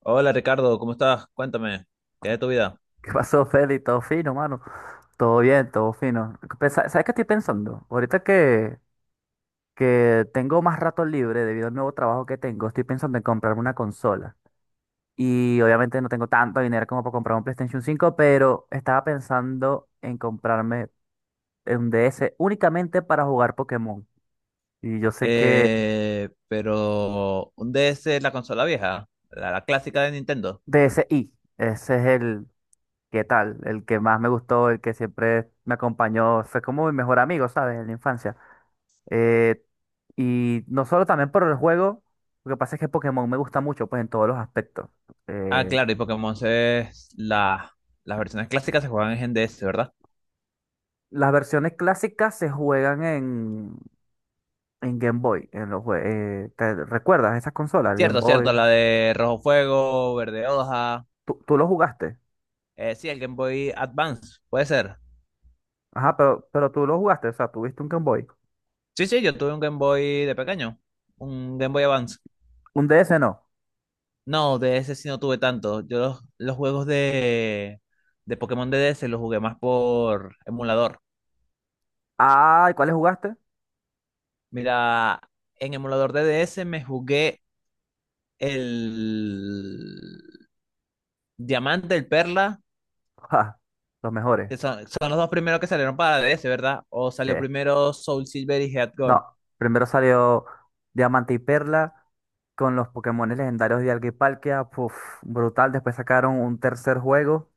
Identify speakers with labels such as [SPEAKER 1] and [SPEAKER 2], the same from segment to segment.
[SPEAKER 1] Hola Ricardo, ¿cómo estás? Cuéntame, ¿qué es de tu vida?
[SPEAKER 2] ¿Qué pasó, Feli? Todo fino, mano. Todo bien, todo fino. ¿Sabes qué estoy pensando? Ahorita que tengo más rato libre debido al nuevo trabajo que tengo, estoy pensando en comprarme una consola. Y obviamente no tengo tanto dinero como para comprar un PlayStation 5, pero estaba pensando en comprarme un DS únicamente para jugar Pokémon. Y yo sé que
[SPEAKER 1] Pero un DS es la consola vieja, la clásica de Nintendo.
[SPEAKER 2] DSi, ese es el, ¿qué tal? El que más me gustó, el que siempre me acompañó, fue como mi mejor amigo, ¿sabes? En la infancia. Eh, y no solo también por el juego, lo que pasa es que Pokémon me gusta mucho, pues en todos los aspectos.
[SPEAKER 1] Ah,
[SPEAKER 2] Eh,
[SPEAKER 1] claro, y Pokémon es las versiones clásicas se juegan en DS, ¿verdad?
[SPEAKER 2] las versiones clásicas se juegan en Game Boy, en los ¿te recuerdas esas consolas, el Game
[SPEAKER 1] Cierto, cierto,
[SPEAKER 2] Boy?
[SPEAKER 1] la de Rojo Fuego, Verde Hoja.
[SPEAKER 2] ¿Tú lo jugaste?
[SPEAKER 1] Sí, el Game Boy Advance, puede ser.
[SPEAKER 2] Ajá, pero tú lo jugaste, o sea, tuviste un Game Boy.
[SPEAKER 1] Sí, sí, yo tuve un Game Boy de pequeño, un Game Boy Advance.
[SPEAKER 2] Un DS no.
[SPEAKER 1] No, DS sí no tuve tanto. Yo los juegos de Pokémon de DS los jugué más por emulador.
[SPEAKER 2] Ah, ¿y cuáles jugaste?
[SPEAKER 1] Mira, en emulador de DS me jugué el Diamante, el Perla,
[SPEAKER 2] Ja, los mejores.
[SPEAKER 1] que son los dos primeros que salieron para DS, ¿verdad? O salió
[SPEAKER 2] Yeah.
[SPEAKER 1] primero Soul Silver y Head Gold.
[SPEAKER 2] No, primero salió Diamante y Perla con los Pokémon legendarios de Dialga y Palkia, puf, brutal. Después sacaron un tercer juego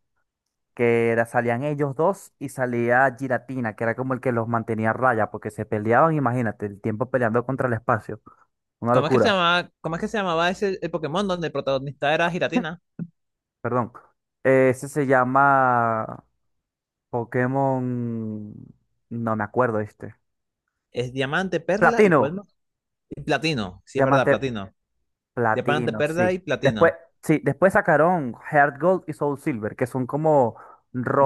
[SPEAKER 2] que era, salían ellos dos y salía Giratina, que era como el que los mantenía a raya, porque se peleaban, imagínate, el tiempo peleando contra el espacio. Una
[SPEAKER 1] ¿Cómo es que se
[SPEAKER 2] locura.
[SPEAKER 1] llamaba, cómo es que se llamaba ese el Pokémon donde el protagonista era Giratina?
[SPEAKER 2] Perdón. Ese se llama Pokémon... No me acuerdo este.
[SPEAKER 1] ¿Es Diamante, Perla y cuál
[SPEAKER 2] Platino.
[SPEAKER 1] más? Y Platino, sí es verdad,
[SPEAKER 2] Diamante.
[SPEAKER 1] Platino. Diamante,
[SPEAKER 2] Platino, sí.
[SPEAKER 1] Perla y
[SPEAKER 2] Después,
[SPEAKER 1] Platino.
[SPEAKER 2] sí, después sacaron Heart Gold y Soul Silver, que son como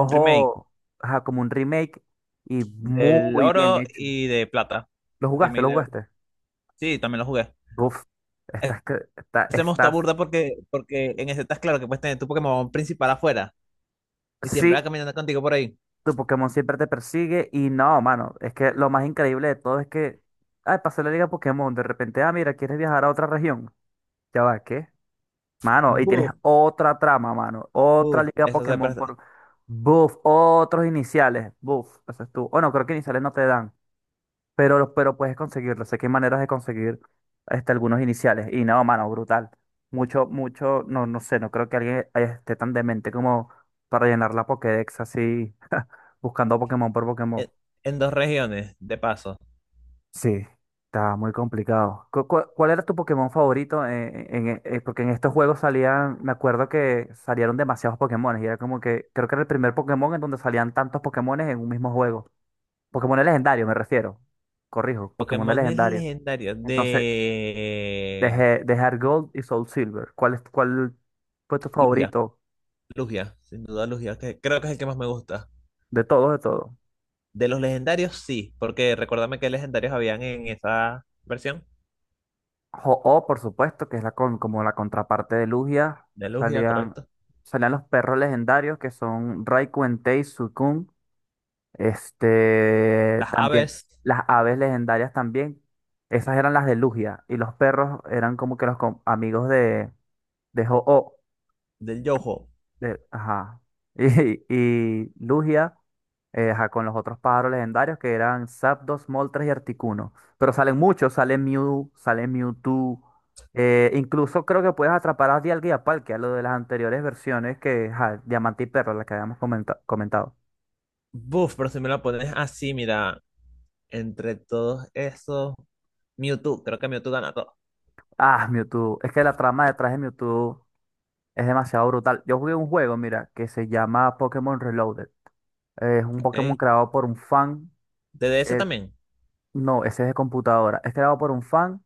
[SPEAKER 1] Un remake
[SPEAKER 2] ajá, como un remake y
[SPEAKER 1] del
[SPEAKER 2] muy bien
[SPEAKER 1] Oro
[SPEAKER 2] hecho.
[SPEAKER 1] y de Plata.
[SPEAKER 2] ¿Lo jugaste?
[SPEAKER 1] Remake
[SPEAKER 2] ¿Lo
[SPEAKER 1] de Oro.
[SPEAKER 2] jugaste?
[SPEAKER 1] Sí, también lo jugué.
[SPEAKER 2] Uf, estás que,
[SPEAKER 1] Hacemos esta
[SPEAKER 2] estás.
[SPEAKER 1] burda porque, porque en ese estás claro que puedes tener tu Pokémon principal afuera y siempre va
[SPEAKER 2] Sí,
[SPEAKER 1] caminando contigo por ahí.
[SPEAKER 2] tu Pokémon siempre te persigue y no, mano, es que lo más increíble de todo es que, ay, pasé la liga Pokémon, de repente, ah, mira, ¿quieres viajar a otra región? Ya va, ¿qué? Mano, y tienes
[SPEAKER 1] Buf,
[SPEAKER 2] otra trama, mano. Otra
[SPEAKER 1] buf.
[SPEAKER 2] liga Pokémon por... Buf, otros iniciales. Buf, eso es tú. Bueno, creo que iniciales no te dan, pero puedes conseguirlo. Sé que hay maneras de conseguir este, algunos iniciales. Y no, mano, brutal. No, no creo que alguien esté tan demente como para llenar la Pokédex así, buscando Pokémon por Pokémon.
[SPEAKER 1] En, en dos regiones, de paso.
[SPEAKER 2] Sí, está muy complicado. ¿Cuál era tu Pokémon favorito? En- porque en estos juegos salían, me acuerdo que salieron demasiados Pokémones y era como que, creo que era el primer Pokémon en donde salían tantos Pokémones en un mismo juego. Pokémon legendarios, me refiero. Corrijo, Pokémon
[SPEAKER 1] Pokémon
[SPEAKER 2] legendarios.
[SPEAKER 1] legendarios
[SPEAKER 2] Entonces,
[SPEAKER 1] de
[SPEAKER 2] dejé, dejar Gold y Soul Silver. ¿Cuál es, cuál fue tu
[SPEAKER 1] Lugia.
[SPEAKER 2] favorito
[SPEAKER 1] Lugia, sin duda Lugia, que creo que es el que más me gusta.
[SPEAKER 2] de todos, de todos?
[SPEAKER 1] De los legendarios, sí, porque recuérdame qué legendarios habían en esa versión
[SPEAKER 2] O, por supuesto, que es la con, como la contraparte de Lugia,
[SPEAKER 1] de Lugia,
[SPEAKER 2] salían,
[SPEAKER 1] correcto.
[SPEAKER 2] salían los perros legendarios que son Raikuen, Tei, Suicune, este,
[SPEAKER 1] Las
[SPEAKER 2] también
[SPEAKER 1] aves
[SPEAKER 2] las aves legendarias también, esas eran las de Lugia, y los perros eran como que los com- amigos de ho
[SPEAKER 1] del Yoho.
[SPEAKER 2] de- ajá. Y, y Lugia, ajá, con los otros pájaros legendarios que eran Zapdos, Moltres y Articuno. Pero salen muchos, sale Mew, sale Mewtwo. Incluso creo que puedes atrapar a Dialga y a Palkia, lo de las anteriores versiones que, ajá, Diamante y Perla, la que habíamos comentado.
[SPEAKER 1] Buf, pero si me la pones así, mira. Entre todos esos, Mewtwo, creo que Mewtwo gana todo.
[SPEAKER 2] Ah, Mewtwo. Es que la trama detrás de Mewtwo es demasiado brutal. Yo jugué un juego, mira, que se llama Pokémon Reloaded. Es un Pokémon
[SPEAKER 1] ¿Ok?
[SPEAKER 2] creado por un fan.
[SPEAKER 1] De D S
[SPEAKER 2] eh,
[SPEAKER 1] también,
[SPEAKER 2] no, ese es de computadora. Es creado por un fan.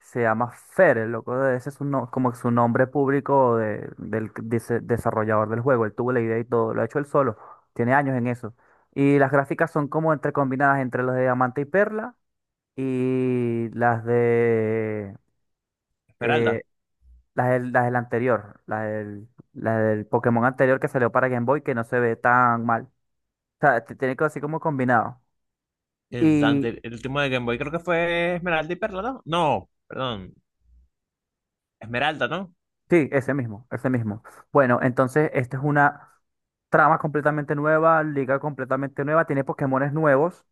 [SPEAKER 2] Se llama Fer, el loco de ese es un como su nombre público del de ese desarrollador del juego. Él tuvo la idea y todo, lo ha hecho él solo. Tiene años en eso. Y las gráficas son como entre combinadas entre las de Diamante y Perla y las de eh,
[SPEAKER 1] Esmeralda.
[SPEAKER 2] las del anterior, las del Pokémon anterior que salió para Game Boy que no se ve tan mal. O sea, te- tiene que así como combinado.
[SPEAKER 1] El último de Game Boy creo que fue Esmeralda y Perla, ¿no? No, perdón, Esmeralda, ¿no?
[SPEAKER 2] Sí, ese mismo, ese mismo. Bueno, entonces esta es una trama completamente nueva, liga completamente nueva, tiene Pokémones nuevos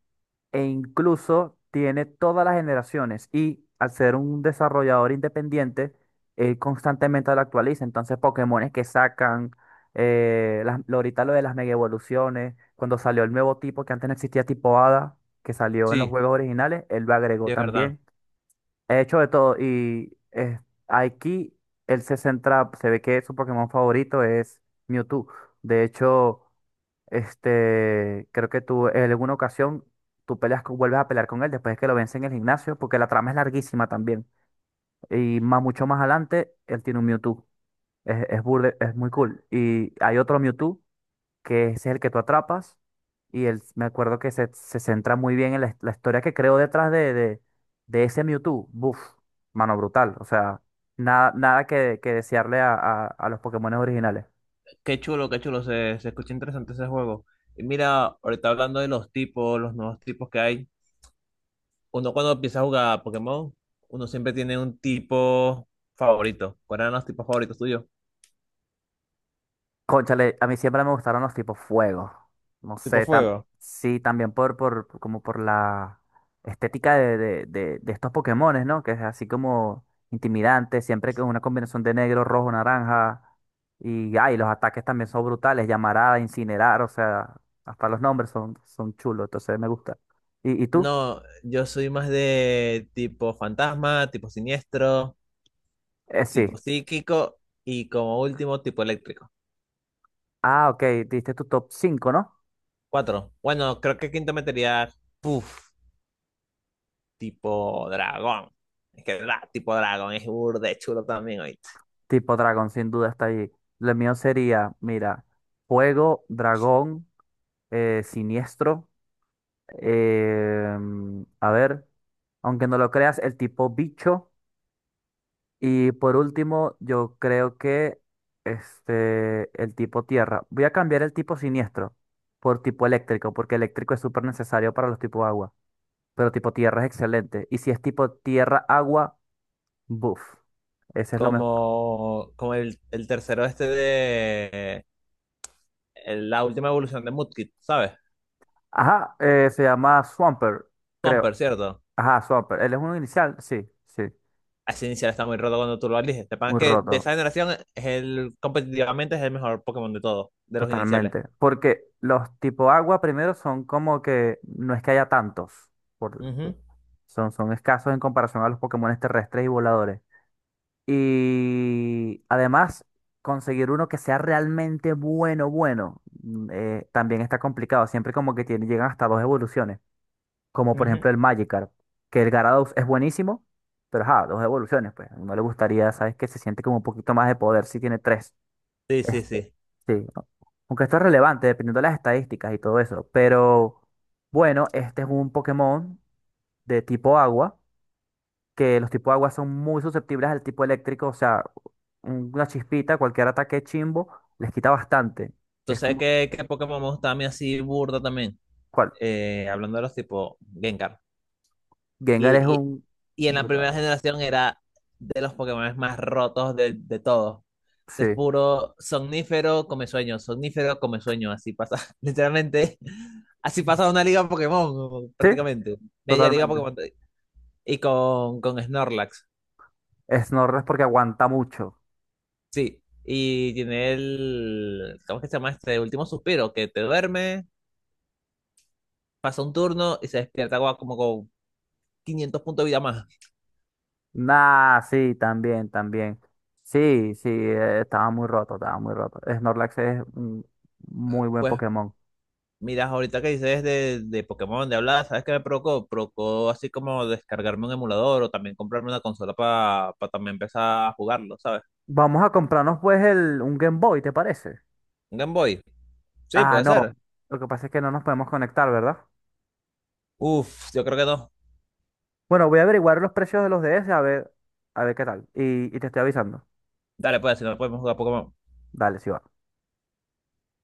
[SPEAKER 2] e incluso tiene todas las generaciones. Y al ser un desarrollador independiente, él constantemente lo actualiza. Entonces, Pokémones que sacan, las- lo- ahorita lo de las mega evoluciones, cuando salió el nuevo tipo que antes no existía, tipo Hada, que salió en los
[SPEAKER 1] Sí,
[SPEAKER 2] juegos originales, él lo
[SPEAKER 1] sí,
[SPEAKER 2] agregó
[SPEAKER 1] es verdad.
[SPEAKER 2] también. He hecho de todo y aquí él se centra, se ve que su Pokémon favorito es Mewtwo. De hecho, este, creo que tú en alguna ocasión tú peleas vuelves a pelear con él después de que lo vence en el gimnasio, porque la trama es larguísima también. Y más mucho más adelante, él tiene un Mewtwo. Es, es muy cool. Y hay otro Mewtwo que ese es el que tú atrapas. Y él, me acuerdo que se centra muy bien en la, la historia que creó detrás de ese Mewtwo. Buf, mano brutal. O sea, nada que, que desearle a los Pokémon originales.
[SPEAKER 1] Qué chulo, se escucha interesante ese juego. Y mira, ahorita hablando de los tipos, los nuevos tipos que hay, uno cuando empieza a jugar a Pokémon, uno siempre tiene un tipo favorito. ¿Cuáles eran los tipos favoritos tuyos?
[SPEAKER 2] Cónchale, a mí siempre me gustaron los tipos fuego. No
[SPEAKER 1] Tipo
[SPEAKER 2] sé, tam-
[SPEAKER 1] fuego.
[SPEAKER 2] sí, también como por la estética de estos Pokémones, ¿no? Que es así como intimidante, siempre que es una combinación de negro, rojo, naranja. Y ay, los ataques también son brutales, llamarada, incinerar, o sea, hasta los nombres son, son chulos, entonces me gusta. Y tú?
[SPEAKER 1] No, yo soy más de tipo fantasma, tipo siniestro,
[SPEAKER 2] Eh,
[SPEAKER 1] tipo
[SPEAKER 2] sí.
[SPEAKER 1] psíquico y como último tipo eléctrico.
[SPEAKER 2] Ah, ok, diste tu top cinco ¿no?
[SPEAKER 1] Cuatro. Bueno, creo que quinto metería, puf, tipo dragón. Es que tipo dragón es burde chulo también oíste.
[SPEAKER 2] Tipo dragón, sin duda está ahí. Lo mío sería, mira, fuego, dragón. Siniestro. A ver, aunque no lo creas, el tipo bicho. Y por último, yo creo que este, el tipo tierra. Voy a cambiar el tipo siniestro por tipo eléctrico, porque eléctrico es súper necesario para los tipos agua. Pero tipo tierra es excelente. Y si es tipo tierra, agua, buff. Ese es lo mejor.
[SPEAKER 1] Como el tercero este de la última evolución de Mudkip, ¿sabes?
[SPEAKER 2] Ajá, se llama Swamper, creo.
[SPEAKER 1] Swampert, ¿cierto?
[SPEAKER 2] Ajá, Swamper. ¿Él es un inicial? Sí, sí.
[SPEAKER 1] Ese inicial está muy roto cuando tú lo eliges. Te pasa
[SPEAKER 2] Muy
[SPEAKER 1] que de esa
[SPEAKER 2] roto.
[SPEAKER 1] generación es el competitivamente es el mejor Pokémon de todos, de los iniciales.
[SPEAKER 2] Totalmente, porque los tipo agua primero son como que no es que haya tantos,
[SPEAKER 1] Ujú,
[SPEAKER 2] por- son, son escasos en comparación a los Pokémones terrestres y voladores. Y además, conseguir uno que sea realmente bueno, bueno, también está complicado, siempre como que tiene, llegan hasta dos evoluciones, como por
[SPEAKER 1] ujú.
[SPEAKER 2] ejemplo el Magikarp, que el Gyarados es buenísimo, pero ajá, dos evoluciones, pues no le gustaría, sabes que se siente como un poquito más de poder si tiene tres.
[SPEAKER 1] Sí, sí,
[SPEAKER 2] Este,
[SPEAKER 1] sí.
[SPEAKER 2] sí, ¿no? Aunque esto es relevante dependiendo de las estadísticas y todo eso. Pero bueno, este es un Pokémon de tipo agua, que los tipos agua son muy susceptibles al tipo eléctrico, o sea, una chispita, cualquier ataque chimbo, les quita bastante.
[SPEAKER 1] ¿Tú
[SPEAKER 2] Es
[SPEAKER 1] sabes
[SPEAKER 2] como,
[SPEAKER 1] qué Pokémon me gusta a mí así burda también?
[SPEAKER 2] ¿cuál?
[SPEAKER 1] Hablando de los tipo Gengar.
[SPEAKER 2] Gengar es
[SPEAKER 1] Y, y,
[SPEAKER 2] un
[SPEAKER 1] y en la primera
[SPEAKER 2] brutal.
[SPEAKER 1] generación era de los Pokémon más rotos de todos. Es
[SPEAKER 2] Sí,
[SPEAKER 1] puro somnífero, come sueño, somnífero, come sueño. Así pasa, literalmente, así pasa una liga Pokémon,
[SPEAKER 2] sí,
[SPEAKER 1] prácticamente. Media liga
[SPEAKER 2] totalmente.
[SPEAKER 1] Pokémon. Y con Snorlax,
[SPEAKER 2] Snorlax porque aguanta mucho.
[SPEAKER 1] sí. Y tiene ¿cómo es que se llama este último suspiro? Que te duerme, pasa un turno y se despierta como, como con 500 puntos de vida más.
[SPEAKER 2] Nah, sí, también, también. Sí, sí, estaba muy roto, estaba muy roto. Snorlax es un muy buen
[SPEAKER 1] Pues
[SPEAKER 2] Pokémon.
[SPEAKER 1] miras ahorita que dices de Pokémon, de hablar, ¿sabes qué me provocó? Provocó así como descargarme un emulador o también comprarme una consola para también empezar a jugarlo, ¿sabes?
[SPEAKER 2] Vamos a comprarnos pues el, un Game Boy, ¿te parece?
[SPEAKER 1] Un Game Boy. Sí,
[SPEAKER 2] Ah,
[SPEAKER 1] puede
[SPEAKER 2] no.
[SPEAKER 1] ser.
[SPEAKER 2] Lo que pasa es que no nos podemos conectar, ¿verdad?
[SPEAKER 1] Uf, yo creo que no.
[SPEAKER 2] Bueno, voy a averiguar los precios de los DS a ver qué tal. Y te estoy avisando.
[SPEAKER 1] Dale, pues, si no podemos jugar Pokémon.
[SPEAKER 2] Dale, sí va.